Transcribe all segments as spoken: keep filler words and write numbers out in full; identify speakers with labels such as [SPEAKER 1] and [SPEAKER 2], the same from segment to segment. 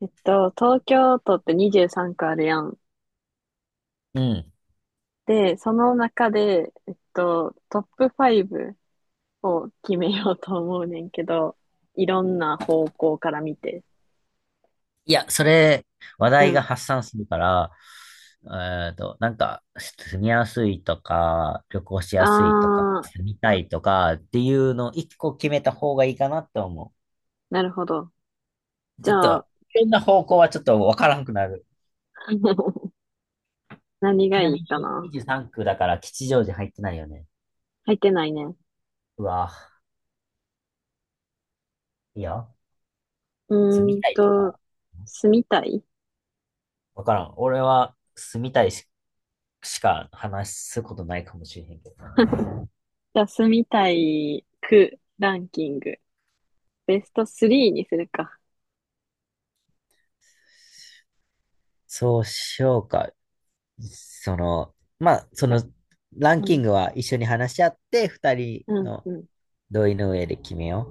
[SPEAKER 1] えっと、東京都ってにじゅうさんく区あるやん。
[SPEAKER 2] うん。
[SPEAKER 1] で、その中で、えっと、トップトップファイブを決めようと思うねんけど、いろんな方向から見て。
[SPEAKER 2] いや、それ、話
[SPEAKER 1] う
[SPEAKER 2] 題が
[SPEAKER 1] ん。
[SPEAKER 2] 発散するから、えっと、なんか、住みやすいとか、旅行し
[SPEAKER 1] あ
[SPEAKER 2] やすいとか、
[SPEAKER 1] ー、
[SPEAKER 2] 住みたいとかっていうのを一個決めた方がいいかなって思
[SPEAKER 1] なるほど。
[SPEAKER 2] う。ち
[SPEAKER 1] じ
[SPEAKER 2] ょっ
[SPEAKER 1] ゃあ、
[SPEAKER 2] と、いろんな方向はちょっとわからんくなる。
[SPEAKER 1] 何
[SPEAKER 2] ち
[SPEAKER 1] が
[SPEAKER 2] なみ
[SPEAKER 1] いい
[SPEAKER 2] に
[SPEAKER 1] かな。
[SPEAKER 2] にじゅうさんく区だから吉祥寺入ってないよね。
[SPEAKER 1] 入ってないね。
[SPEAKER 2] うわ、いいよ。住
[SPEAKER 1] うー
[SPEAKER 2] み
[SPEAKER 1] ん
[SPEAKER 2] たいと
[SPEAKER 1] と、
[SPEAKER 2] か、
[SPEAKER 1] 住みたい
[SPEAKER 2] わからん。俺は住みたいし、しか話すことないかもしれへんけどな。
[SPEAKER 1] じゃあ、住みたい区ランキング。ベストベストスリーにするか。
[SPEAKER 2] そうしようか。その、まあ、
[SPEAKER 1] い
[SPEAKER 2] そ
[SPEAKER 1] や、
[SPEAKER 2] の、ラン
[SPEAKER 1] う
[SPEAKER 2] キ
[SPEAKER 1] ん、
[SPEAKER 2] ングは一緒に話し合って、二人
[SPEAKER 1] うん、
[SPEAKER 2] の
[SPEAKER 1] うん。
[SPEAKER 2] 同意の上で決めよ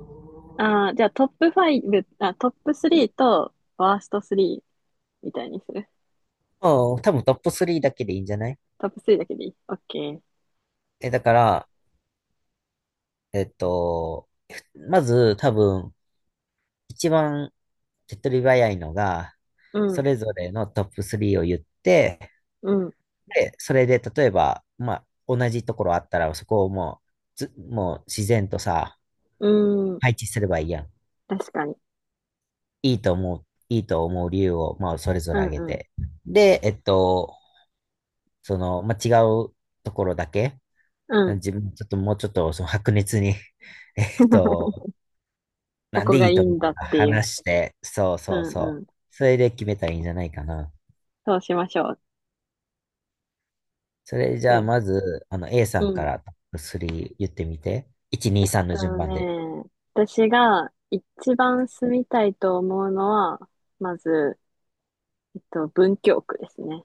[SPEAKER 1] ああ、じゃあトップファイブあ、トップトップスリーとワーストワーストスリーみたいにする。
[SPEAKER 2] う。うん。多分トップトップスリーだけでいいんじゃない？
[SPEAKER 1] トップトップスリーだけでいい。オッケー。
[SPEAKER 2] え、だから、えっと、まず多分、一番手っ取り早いのが、
[SPEAKER 1] う
[SPEAKER 2] そ
[SPEAKER 1] ん、
[SPEAKER 2] れぞれのトップトップスリーを言って、
[SPEAKER 1] うん、
[SPEAKER 2] で、それで例えば、まあ、同じところあったら、そこをもう、ず、もう自然とさ、
[SPEAKER 1] うーん。
[SPEAKER 2] 配置すればいいやん。
[SPEAKER 1] 確かに。
[SPEAKER 2] いいと思う、いいと思う理由を、まあ、それぞ
[SPEAKER 1] う
[SPEAKER 2] れ挙げ
[SPEAKER 1] ん、う
[SPEAKER 2] て。で、えっと、その、まあ、違うところだけ、
[SPEAKER 1] ん、うん。
[SPEAKER 2] 自分、ちょっともうちょっと、その白熱に えっと、
[SPEAKER 1] こ
[SPEAKER 2] なん
[SPEAKER 1] こ
[SPEAKER 2] でい
[SPEAKER 1] が
[SPEAKER 2] い
[SPEAKER 1] い
[SPEAKER 2] と
[SPEAKER 1] い
[SPEAKER 2] 思う
[SPEAKER 1] んだ
[SPEAKER 2] の
[SPEAKER 1] っ
[SPEAKER 2] か
[SPEAKER 1] ていう。
[SPEAKER 2] 話して、そう
[SPEAKER 1] う
[SPEAKER 2] そう
[SPEAKER 1] んう
[SPEAKER 2] そう。
[SPEAKER 1] ん。
[SPEAKER 2] それで決めたらいいんじゃないかな。
[SPEAKER 1] そうしましょう。
[SPEAKER 2] それじ
[SPEAKER 1] う
[SPEAKER 2] ゃあ、
[SPEAKER 1] ん。
[SPEAKER 2] まず、あの、A さ
[SPEAKER 1] う
[SPEAKER 2] んか
[SPEAKER 1] ん。
[SPEAKER 2] らトップトップスリー言ってみて。いち、
[SPEAKER 1] え
[SPEAKER 2] に、
[SPEAKER 1] っ
[SPEAKER 2] さんの順
[SPEAKER 1] と
[SPEAKER 2] 番で。
[SPEAKER 1] ね、私が一番住みたいと思うのは、まず、えっと、文京区ですね。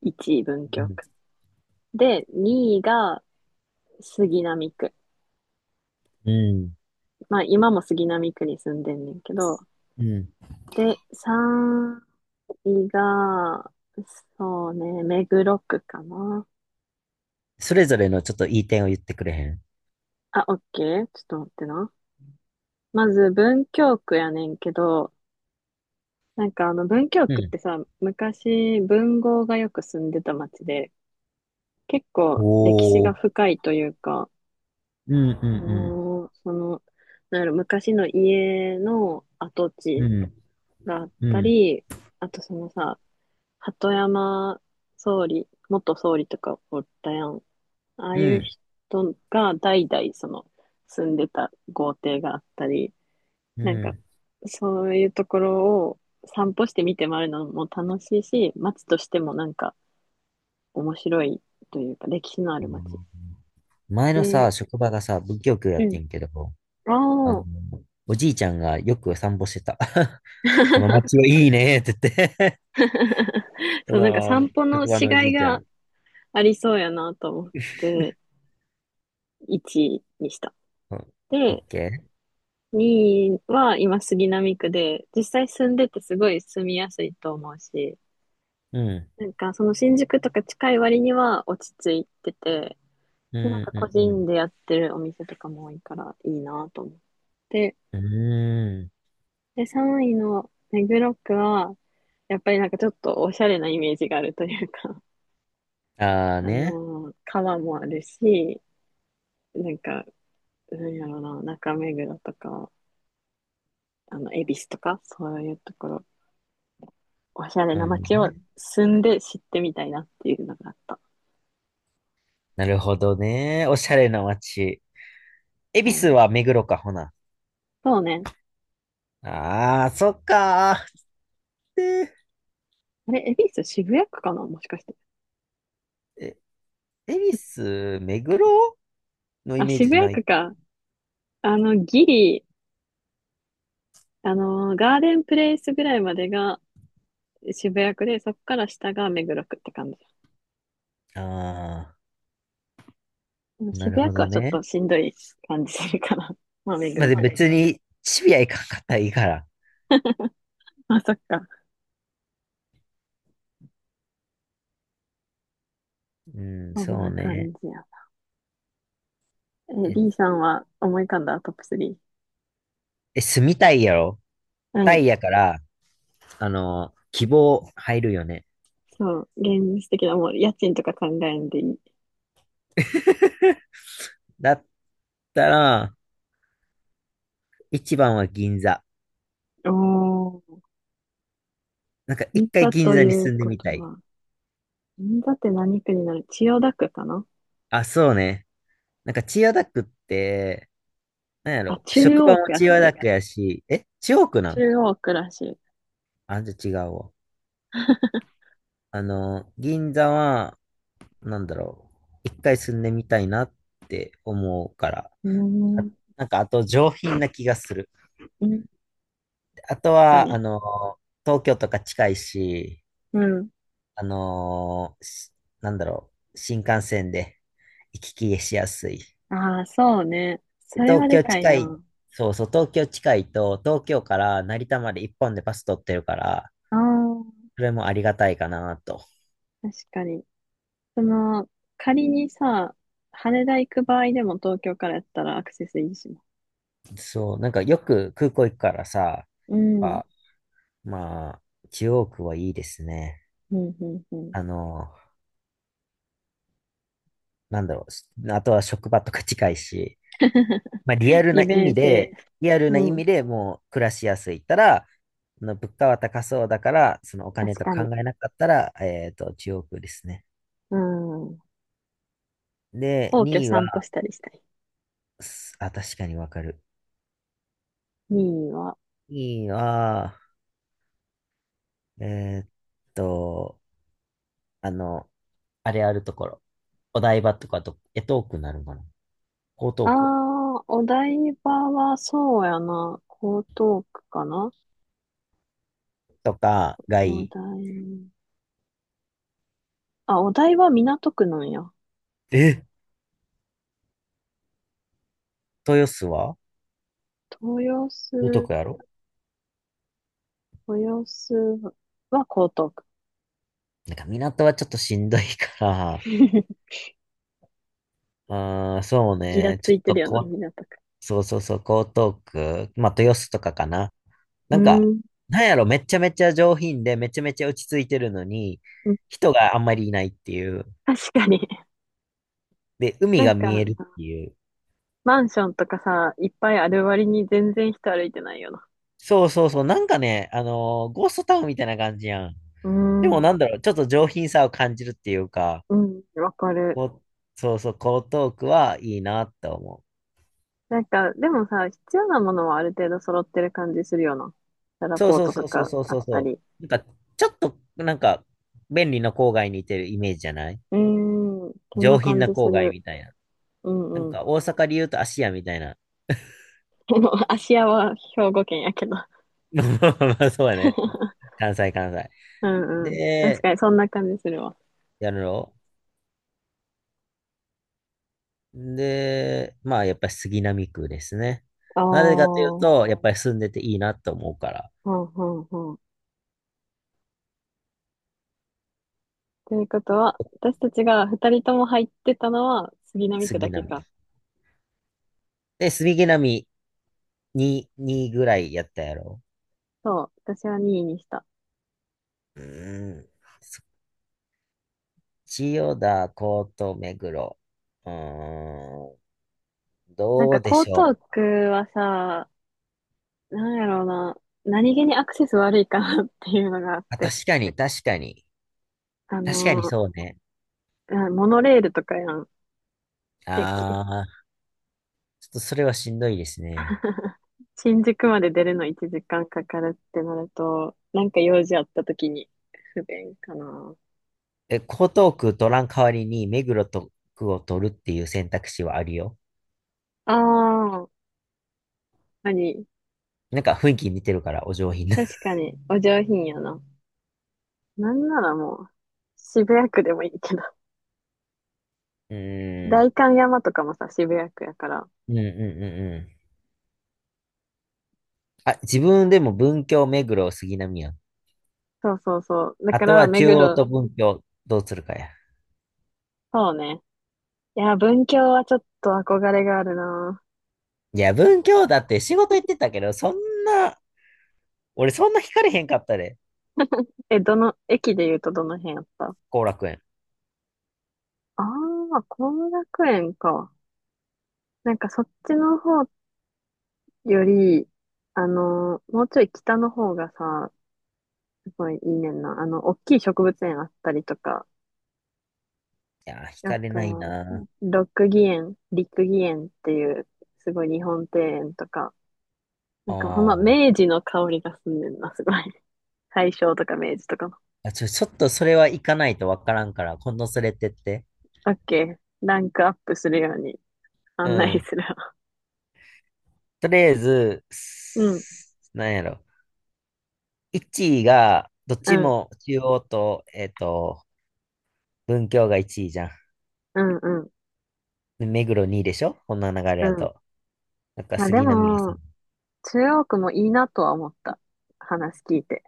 [SPEAKER 1] いちい文
[SPEAKER 2] う
[SPEAKER 1] 京
[SPEAKER 2] ん。
[SPEAKER 1] 区。で、にいが杉並区。
[SPEAKER 2] うん。
[SPEAKER 1] まあ今も杉並区に住んでんねんけど、
[SPEAKER 2] うん。
[SPEAKER 1] で、さんいが、そうね、目黒区かな。
[SPEAKER 2] それぞれのちょっといい点を言ってくれへん。
[SPEAKER 1] あ、オッケー。ちょっと待ってな。まず文京区やねんけど、なんかあの文京
[SPEAKER 2] う
[SPEAKER 1] 区っ
[SPEAKER 2] ん。
[SPEAKER 1] てさ、昔文豪がよく住んでた町で、結構歴史
[SPEAKER 2] お
[SPEAKER 1] が
[SPEAKER 2] ー。
[SPEAKER 1] 深いというか、
[SPEAKER 2] うんう
[SPEAKER 1] あ
[SPEAKER 2] ん
[SPEAKER 1] のーその、なんやろ、昔の家の跡
[SPEAKER 2] う
[SPEAKER 1] 地
[SPEAKER 2] ん。
[SPEAKER 1] があっ
[SPEAKER 2] うん。う
[SPEAKER 1] た
[SPEAKER 2] ん。
[SPEAKER 1] り、あとそのさ、鳩山総理、元総理とかおったやん。ああ
[SPEAKER 2] う
[SPEAKER 1] いう
[SPEAKER 2] ん、
[SPEAKER 1] 人が代々その住んでた豪邸があったり、
[SPEAKER 2] う
[SPEAKER 1] なんか
[SPEAKER 2] ん。
[SPEAKER 1] そういうところを散歩して見て回るのも楽しいし、街としてもなんか面白いというか歴史のある街。
[SPEAKER 2] 前の
[SPEAKER 1] で、
[SPEAKER 2] さ、職場がさ、文教教やっ
[SPEAKER 1] う
[SPEAKER 2] てんけど、あ
[SPEAKER 1] ん。あ
[SPEAKER 2] の、
[SPEAKER 1] あ。
[SPEAKER 2] おじいちゃんがよく散歩してた。この街 はいいねって言って そ
[SPEAKER 1] そう、なんか散
[SPEAKER 2] の、
[SPEAKER 1] 歩の
[SPEAKER 2] 職場
[SPEAKER 1] し
[SPEAKER 2] のお
[SPEAKER 1] が
[SPEAKER 2] じ
[SPEAKER 1] い
[SPEAKER 2] いちゃん。
[SPEAKER 1] が
[SPEAKER 2] う
[SPEAKER 1] ありそうやなと思っていちいにした。
[SPEAKER 2] ん、オッ
[SPEAKER 1] で、
[SPEAKER 2] ケー。
[SPEAKER 1] にいは今杉並区で、実際住んでてすごい住みやすいと思うし、
[SPEAKER 2] うん、
[SPEAKER 1] なんかその新宿とか近い割には落ち着いてて、
[SPEAKER 2] うん、
[SPEAKER 1] で、なんか個
[SPEAKER 2] う
[SPEAKER 1] 人
[SPEAKER 2] ん、
[SPEAKER 1] でやってるお店とかも多いからいいなと思って。
[SPEAKER 2] うん。うー
[SPEAKER 1] で、さんいの目黒区は、やっぱりなんかちょっとおしゃれなイメージがあるというか、
[SPEAKER 2] ん。あ あ
[SPEAKER 1] あ
[SPEAKER 2] ね。
[SPEAKER 1] のー川もあるし、なんか、なんやろうな、中目黒とか、あの、恵比寿とか、そういうところおしゃれな
[SPEAKER 2] あの
[SPEAKER 1] 街を
[SPEAKER 2] ね。
[SPEAKER 1] 住んで知ってみたいなっていうのがあった。
[SPEAKER 2] なるほどね。おしゃれな街。恵比
[SPEAKER 1] う
[SPEAKER 2] 寿
[SPEAKER 1] ん、
[SPEAKER 2] は目黒か、ほな。
[SPEAKER 1] そうね。
[SPEAKER 2] ああ、そっかー。で、
[SPEAKER 1] あれ、恵比寿渋谷区かなもしかして。
[SPEAKER 2] え、恵比寿、目黒のイ
[SPEAKER 1] あ、
[SPEAKER 2] メー
[SPEAKER 1] 渋
[SPEAKER 2] ジ
[SPEAKER 1] 谷
[SPEAKER 2] ない。
[SPEAKER 1] 区か。あの、ギリ、あのー、ガーデンプレイスぐらいまでが渋谷区で、そこから下が目黒区って感じ。
[SPEAKER 2] ああ。
[SPEAKER 1] でも
[SPEAKER 2] な
[SPEAKER 1] 渋
[SPEAKER 2] る
[SPEAKER 1] 谷
[SPEAKER 2] ほ
[SPEAKER 1] 区は
[SPEAKER 2] ど
[SPEAKER 1] ちょっと
[SPEAKER 2] ね。
[SPEAKER 1] しんどい感じするから。まあ、目
[SPEAKER 2] まあ、
[SPEAKER 1] 黒
[SPEAKER 2] で、はい。
[SPEAKER 1] 区で。
[SPEAKER 2] 別に、シビア行かんかったらいいから。
[SPEAKER 1] あ、そっか。
[SPEAKER 2] うん、
[SPEAKER 1] そん
[SPEAKER 2] そう
[SPEAKER 1] な感
[SPEAKER 2] ね。
[SPEAKER 1] じや。え、
[SPEAKER 2] え、
[SPEAKER 1] ビー さんは思い浮かんだトップトップスリー？
[SPEAKER 2] え住みたいやろ
[SPEAKER 1] う
[SPEAKER 2] タ
[SPEAKER 1] ん。
[SPEAKER 2] イやから、あの、希望入るよね。
[SPEAKER 1] そう。現実的な、もう家賃とか考えんでいい。
[SPEAKER 2] だったら、一番は銀座。
[SPEAKER 1] おー。
[SPEAKER 2] なんか
[SPEAKER 1] 銀
[SPEAKER 2] 一回
[SPEAKER 1] 座
[SPEAKER 2] 銀
[SPEAKER 1] と
[SPEAKER 2] 座に
[SPEAKER 1] いう
[SPEAKER 2] 住んで
[SPEAKER 1] こ
[SPEAKER 2] み
[SPEAKER 1] と
[SPEAKER 2] たい。
[SPEAKER 1] は、銀座って何区になる？千代田区かな
[SPEAKER 2] あ、そうね。なんか千代田区って、なんや
[SPEAKER 1] あ、
[SPEAKER 2] ろ、
[SPEAKER 1] 中
[SPEAKER 2] 職場
[SPEAKER 1] 央
[SPEAKER 2] も
[SPEAKER 1] 区やっ
[SPEAKER 2] 千代田
[SPEAKER 1] て。
[SPEAKER 2] 田区やし、え、千代区なん。
[SPEAKER 1] 中央区らしい。う
[SPEAKER 2] あ、じゃあ違うわ。あの、銀座は、なんだろう、一回住んでみたいなって思うから、
[SPEAKER 1] ー
[SPEAKER 2] あ、
[SPEAKER 1] ん、
[SPEAKER 2] なんかあと上品な気がする。
[SPEAKER 1] うん、
[SPEAKER 2] あと
[SPEAKER 1] 確か
[SPEAKER 2] は、あ
[SPEAKER 1] に。
[SPEAKER 2] の、東京とか近いし、
[SPEAKER 1] うん。
[SPEAKER 2] あの、しなんだろう、新幹線で行き来しやすい。
[SPEAKER 1] ああ、そうね。そ
[SPEAKER 2] で
[SPEAKER 1] れ
[SPEAKER 2] 東
[SPEAKER 1] はで
[SPEAKER 2] 京
[SPEAKER 1] かい
[SPEAKER 2] 近い、
[SPEAKER 1] な。
[SPEAKER 2] そうそう、東京近いと、東京から成田まで一本でバス取ってるから、
[SPEAKER 1] ああ、
[SPEAKER 2] それもありがたいかなと。
[SPEAKER 1] 確かに。その、仮にさ、羽田行く場合でも東京からやったらアクセスいいしな。
[SPEAKER 2] そう、なんかよく空港行くからさ、
[SPEAKER 1] う
[SPEAKER 2] やっ
[SPEAKER 1] ん、
[SPEAKER 2] ぱ、まあ、中央区はいいですね。
[SPEAKER 1] うん、うん、うん。
[SPEAKER 2] あの、なんだろう。しあとは職場とか近いし、まあリアルな
[SPEAKER 1] 利
[SPEAKER 2] 意
[SPEAKER 1] 便
[SPEAKER 2] 味
[SPEAKER 1] 性。
[SPEAKER 2] で、リアルな
[SPEAKER 1] う
[SPEAKER 2] 意
[SPEAKER 1] ん、
[SPEAKER 2] 味でもう暮らしやすいったら、あの物価は高そうだから、そのお金
[SPEAKER 1] 確
[SPEAKER 2] と
[SPEAKER 1] か
[SPEAKER 2] 考
[SPEAKER 1] に。
[SPEAKER 2] えなかったら、えっと、中央区ですね。
[SPEAKER 1] うん。
[SPEAKER 2] で、
[SPEAKER 1] 皇居
[SPEAKER 2] にいは、
[SPEAKER 1] 散歩したりしたい。
[SPEAKER 2] すあ、確かにわかる。
[SPEAKER 1] にいは、
[SPEAKER 2] にいは、えーっと、あの、あれあるところ。お台場とかと、江東区になるのかな。江
[SPEAKER 1] あ
[SPEAKER 2] 東区
[SPEAKER 1] あ、お台場はそうやな。江東区かな。
[SPEAKER 2] とかがい
[SPEAKER 1] お
[SPEAKER 2] い。
[SPEAKER 1] 台、あ、お台場、港区なんや。
[SPEAKER 2] え、豊洲は
[SPEAKER 1] 豊
[SPEAKER 2] 江
[SPEAKER 1] 洲、
[SPEAKER 2] 東区やろ？
[SPEAKER 1] 豊洲は江東区。
[SPEAKER 2] なんか港はちょっとしんどいから、うーん、そう
[SPEAKER 1] ギラ
[SPEAKER 2] ね、ち
[SPEAKER 1] つ
[SPEAKER 2] ょっ
[SPEAKER 1] いてる
[SPEAKER 2] と
[SPEAKER 1] よな、
[SPEAKER 2] こう、
[SPEAKER 1] 港区。
[SPEAKER 2] そうそうそう、江東区、まあ豊洲とかかな。
[SPEAKER 1] う
[SPEAKER 2] なんか、
[SPEAKER 1] ーん。
[SPEAKER 2] なんやろ、めちゃめちゃ上品で、めちゃめちゃ落ち着いてるのに、
[SPEAKER 1] うん
[SPEAKER 2] 人があんまりいないっていう。
[SPEAKER 1] 確かに。
[SPEAKER 2] で、海
[SPEAKER 1] なん
[SPEAKER 2] が
[SPEAKER 1] か、
[SPEAKER 2] 見えるっていう。
[SPEAKER 1] マンションとかさ、いっぱいある割に全然人歩いてないよな。
[SPEAKER 2] そうそうそう、なんかね、あのーゴーストタウンみたいな感じやん。
[SPEAKER 1] うー
[SPEAKER 2] でもなんだ
[SPEAKER 1] ん。
[SPEAKER 2] ろう、ちょっと上品さを感じるっていうか、
[SPEAKER 1] うん、わかる。
[SPEAKER 2] こうそうそう、江東区はいいなって思う。
[SPEAKER 1] なんか、でもさ、必要なものはある程度揃ってる感じするよな。らラ
[SPEAKER 2] そう
[SPEAKER 1] ポー
[SPEAKER 2] そう
[SPEAKER 1] ト
[SPEAKER 2] そ
[SPEAKER 1] と
[SPEAKER 2] うそう
[SPEAKER 1] か
[SPEAKER 2] そう
[SPEAKER 1] あ
[SPEAKER 2] そ
[SPEAKER 1] っ
[SPEAKER 2] う
[SPEAKER 1] た
[SPEAKER 2] そ
[SPEAKER 1] り。
[SPEAKER 2] う。なんか、ちょっと、なんか、便利な郊外にいてるイメージじゃない？
[SPEAKER 1] うーん、そん
[SPEAKER 2] 上
[SPEAKER 1] な
[SPEAKER 2] 品
[SPEAKER 1] 感
[SPEAKER 2] な
[SPEAKER 1] じす
[SPEAKER 2] 郊外
[SPEAKER 1] る。
[SPEAKER 2] みたいな。
[SPEAKER 1] う
[SPEAKER 2] なん
[SPEAKER 1] んうん。
[SPEAKER 2] か、大阪で言うと芦屋みたいな。
[SPEAKER 1] でも、芦屋は兵庫県やけど。
[SPEAKER 2] まあ、そうやね。まあ、関西、関西。
[SPEAKER 1] うんうん。確
[SPEAKER 2] で、
[SPEAKER 1] かにそんな感じするわ。
[SPEAKER 2] やるので、まあ、やっぱり杉並区ですね。
[SPEAKER 1] ああ、
[SPEAKER 2] なぜかという
[SPEAKER 1] ほ
[SPEAKER 2] と、やっぱり住んでていいなと思うから、
[SPEAKER 1] んほんほん。ということは、私たちがふたりとも入ってたのは杉並区
[SPEAKER 2] 杉
[SPEAKER 1] だけ
[SPEAKER 2] 並。
[SPEAKER 1] か。
[SPEAKER 2] で、杉並に、にいぐらいやったやろ。
[SPEAKER 1] そう、私はにいにした。
[SPEAKER 2] うーん。千代田、江東、目黒。うーん、
[SPEAKER 1] なん
[SPEAKER 2] ど
[SPEAKER 1] か
[SPEAKER 2] うで
[SPEAKER 1] 江
[SPEAKER 2] し
[SPEAKER 1] 東
[SPEAKER 2] ょう。
[SPEAKER 1] 区はさ、なんやろうな、何気にアクセス悪いかなっていうのがあっ
[SPEAKER 2] あ、
[SPEAKER 1] て。
[SPEAKER 2] 確かに、確かに。
[SPEAKER 1] あ
[SPEAKER 2] 確かに
[SPEAKER 1] の、
[SPEAKER 2] そうね。
[SPEAKER 1] あモノレールとかやん、
[SPEAKER 2] あ
[SPEAKER 1] 駅。
[SPEAKER 2] ー、ちょっとそれはしんどいですね。
[SPEAKER 1] 新宿まで出るのいちじかんかんかかるってなると、なんか用事あった時に不便かな。
[SPEAKER 2] え、江東区取らん代わりに目黒と区を取るっていう選択肢はあるよ。
[SPEAKER 1] ああ、あり。
[SPEAKER 2] なんか雰囲気似てるから、お上品な。
[SPEAKER 1] 確かに、お上品やな。なんならもう、渋谷区でもいいけど。
[SPEAKER 2] うー
[SPEAKER 1] 代
[SPEAKER 2] ん、
[SPEAKER 1] 官山とかもさ、渋谷区やから。
[SPEAKER 2] うんうんうんうん。あ、自分でも文京、目黒、杉並やん。
[SPEAKER 1] そうそうそう。だ
[SPEAKER 2] あ
[SPEAKER 1] か
[SPEAKER 2] と
[SPEAKER 1] ら、
[SPEAKER 2] は
[SPEAKER 1] 目
[SPEAKER 2] 中央
[SPEAKER 1] 黒、
[SPEAKER 2] と文京、どうするかや。
[SPEAKER 1] そうね。いや、文京はちょっと憧れがあるな。
[SPEAKER 2] いや、文京だって仕事行ってたけど、そんな、俺そんな惹かれへんかったで、
[SPEAKER 1] え、どの、駅で言うとどの辺やった？
[SPEAKER 2] 後楽園。
[SPEAKER 1] ああー、後楽園か。なんかそっちの方より、あの、もうちょい北の方がさ、すごいいいねんな。あの、大きい植物園あったりとか、
[SPEAKER 2] いやー、惹
[SPEAKER 1] あ
[SPEAKER 2] かれない
[SPEAKER 1] と、
[SPEAKER 2] なー。
[SPEAKER 1] ロックギ園、リックギ園っていう、すごい日本庭園とか、な
[SPEAKER 2] あ
[SPEAKER 1] んかほんま
[SPEAKER 2] ー
[SPEAKER 1] 明治の香りがすんねんな、すごい。大正とか明治とかの。
[SPEAKER 2] あ。ちょ、ちょっとそれは行かないとわからんから、今度連れてって。
[SPEAKER 1] オッケー。ランクアップするように
[SPEAKER 2] う
[SPEAKER 1] 案内
[SPEAKER 2] ん。
[SPEAKER 1] するわ。
[SPEAKER 2] とりあえず、
[SPEAKER 1] うん、
[SPEAKER 2] すなんやろ。いちいが、どっ
[SPEAKER 1] う
[SPEAKER 2] ち
[SPEAKER 1] ん、
[SPEAKER 2] も中央と、えっと、文京がいちいじゃん。
[SPEAKER 1] うん、うん、
[SPEAKER 2] で目黒にいでしょ？こんな流れ
[SPEAKER 1] う
[SPEAKER 2] や
[SPEAKER 1] ん。
[SPEAKER 2] と。なんか
[SPEAKER 1] まあで
[SPEAKER 2] 杉並屋さん。
[SPEAKER 1] も、中央区もいいなとは思った。話聞いて。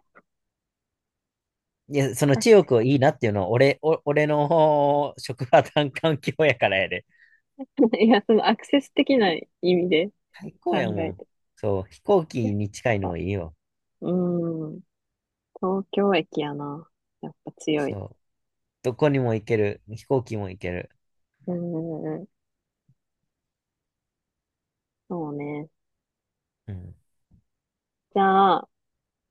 [SPEAKER 2] いや、その
[SPEAKER 1] 確
[SPEAKER 2] 中国をいいなっていうのは、俺、お、俺の職場環境やからやで。
[SPEAKER 1] いや、そのアクセス的な意味で
[SPEAKER 2] 最高
[SPEAKER 1] 考
[SPEAKER 2] やも
[SPEAKER 1] え
[SPEAKER 2] ん。
[SPEAKER 1] て。
[SPEAKER 2] そう、飛行
[SPEAKER 1] やっ
[SPEAKER 2] 機に近いの
[SPEAKER 1] ぱ、
[SPEAKER 2] はいいよ。
[SPEAKER 1] うーん、東京駅やな。やっぱ強
[SPEAKER 2] そ
[SPEAKER 1] い。
[SPEAKER 2] う。どこにも行ける。飛行機も行ける。
[SPEAKER 1] うーん、そうね。
[SPEAKER 2] うん。
[SPEAKER 1] じゃあ、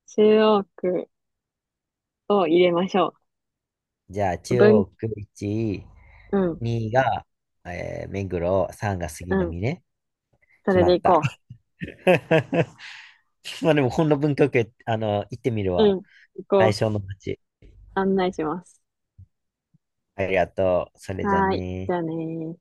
[SPEAKER 1] 中央区を入れましょ
[SPEAKER 2] じゃあ、
[SPEAKER 1] う。
[SPEAKER 2] 中
[SPEAKER 1] 文、
[SPEAKER 2] 央区いちい、
[SPEAKER 1] うん、
[SPEAKER 2] にが、えー目黒、さんが
[SPEAKER 1] う
[SPEAKER 2] 杉
[SPEAKER 1] ん、
[SPEAKER 2] 並ね。
[SPEAKER 1] そ
[SPEAKER 2] 決
[SPEAKER 1] れ
[SPEAKER 2] ま
[SPEAKER 1] で
[SPEAKER 2] った。
[SPEAKER 1] 行こ
[SPEAKER 2] まあでも、こんな文京区、あの、行ってみる
[SPEAKER 1] う。う
[SPEAKER 2] わ。
[SPEAKER 1] ん、行こ
[SPEAKER 2] 対
[SPEAKER 1] う。
[SPEAKER 2] 象の街。
[SPEAKER 1] 案内します。
[SPEAKER 2] ありがとう。それじゃあ
[SPEAKER 1] はーい、じ
[SPEAKER 2] ね
[SPEAKER 1] ゃあねー。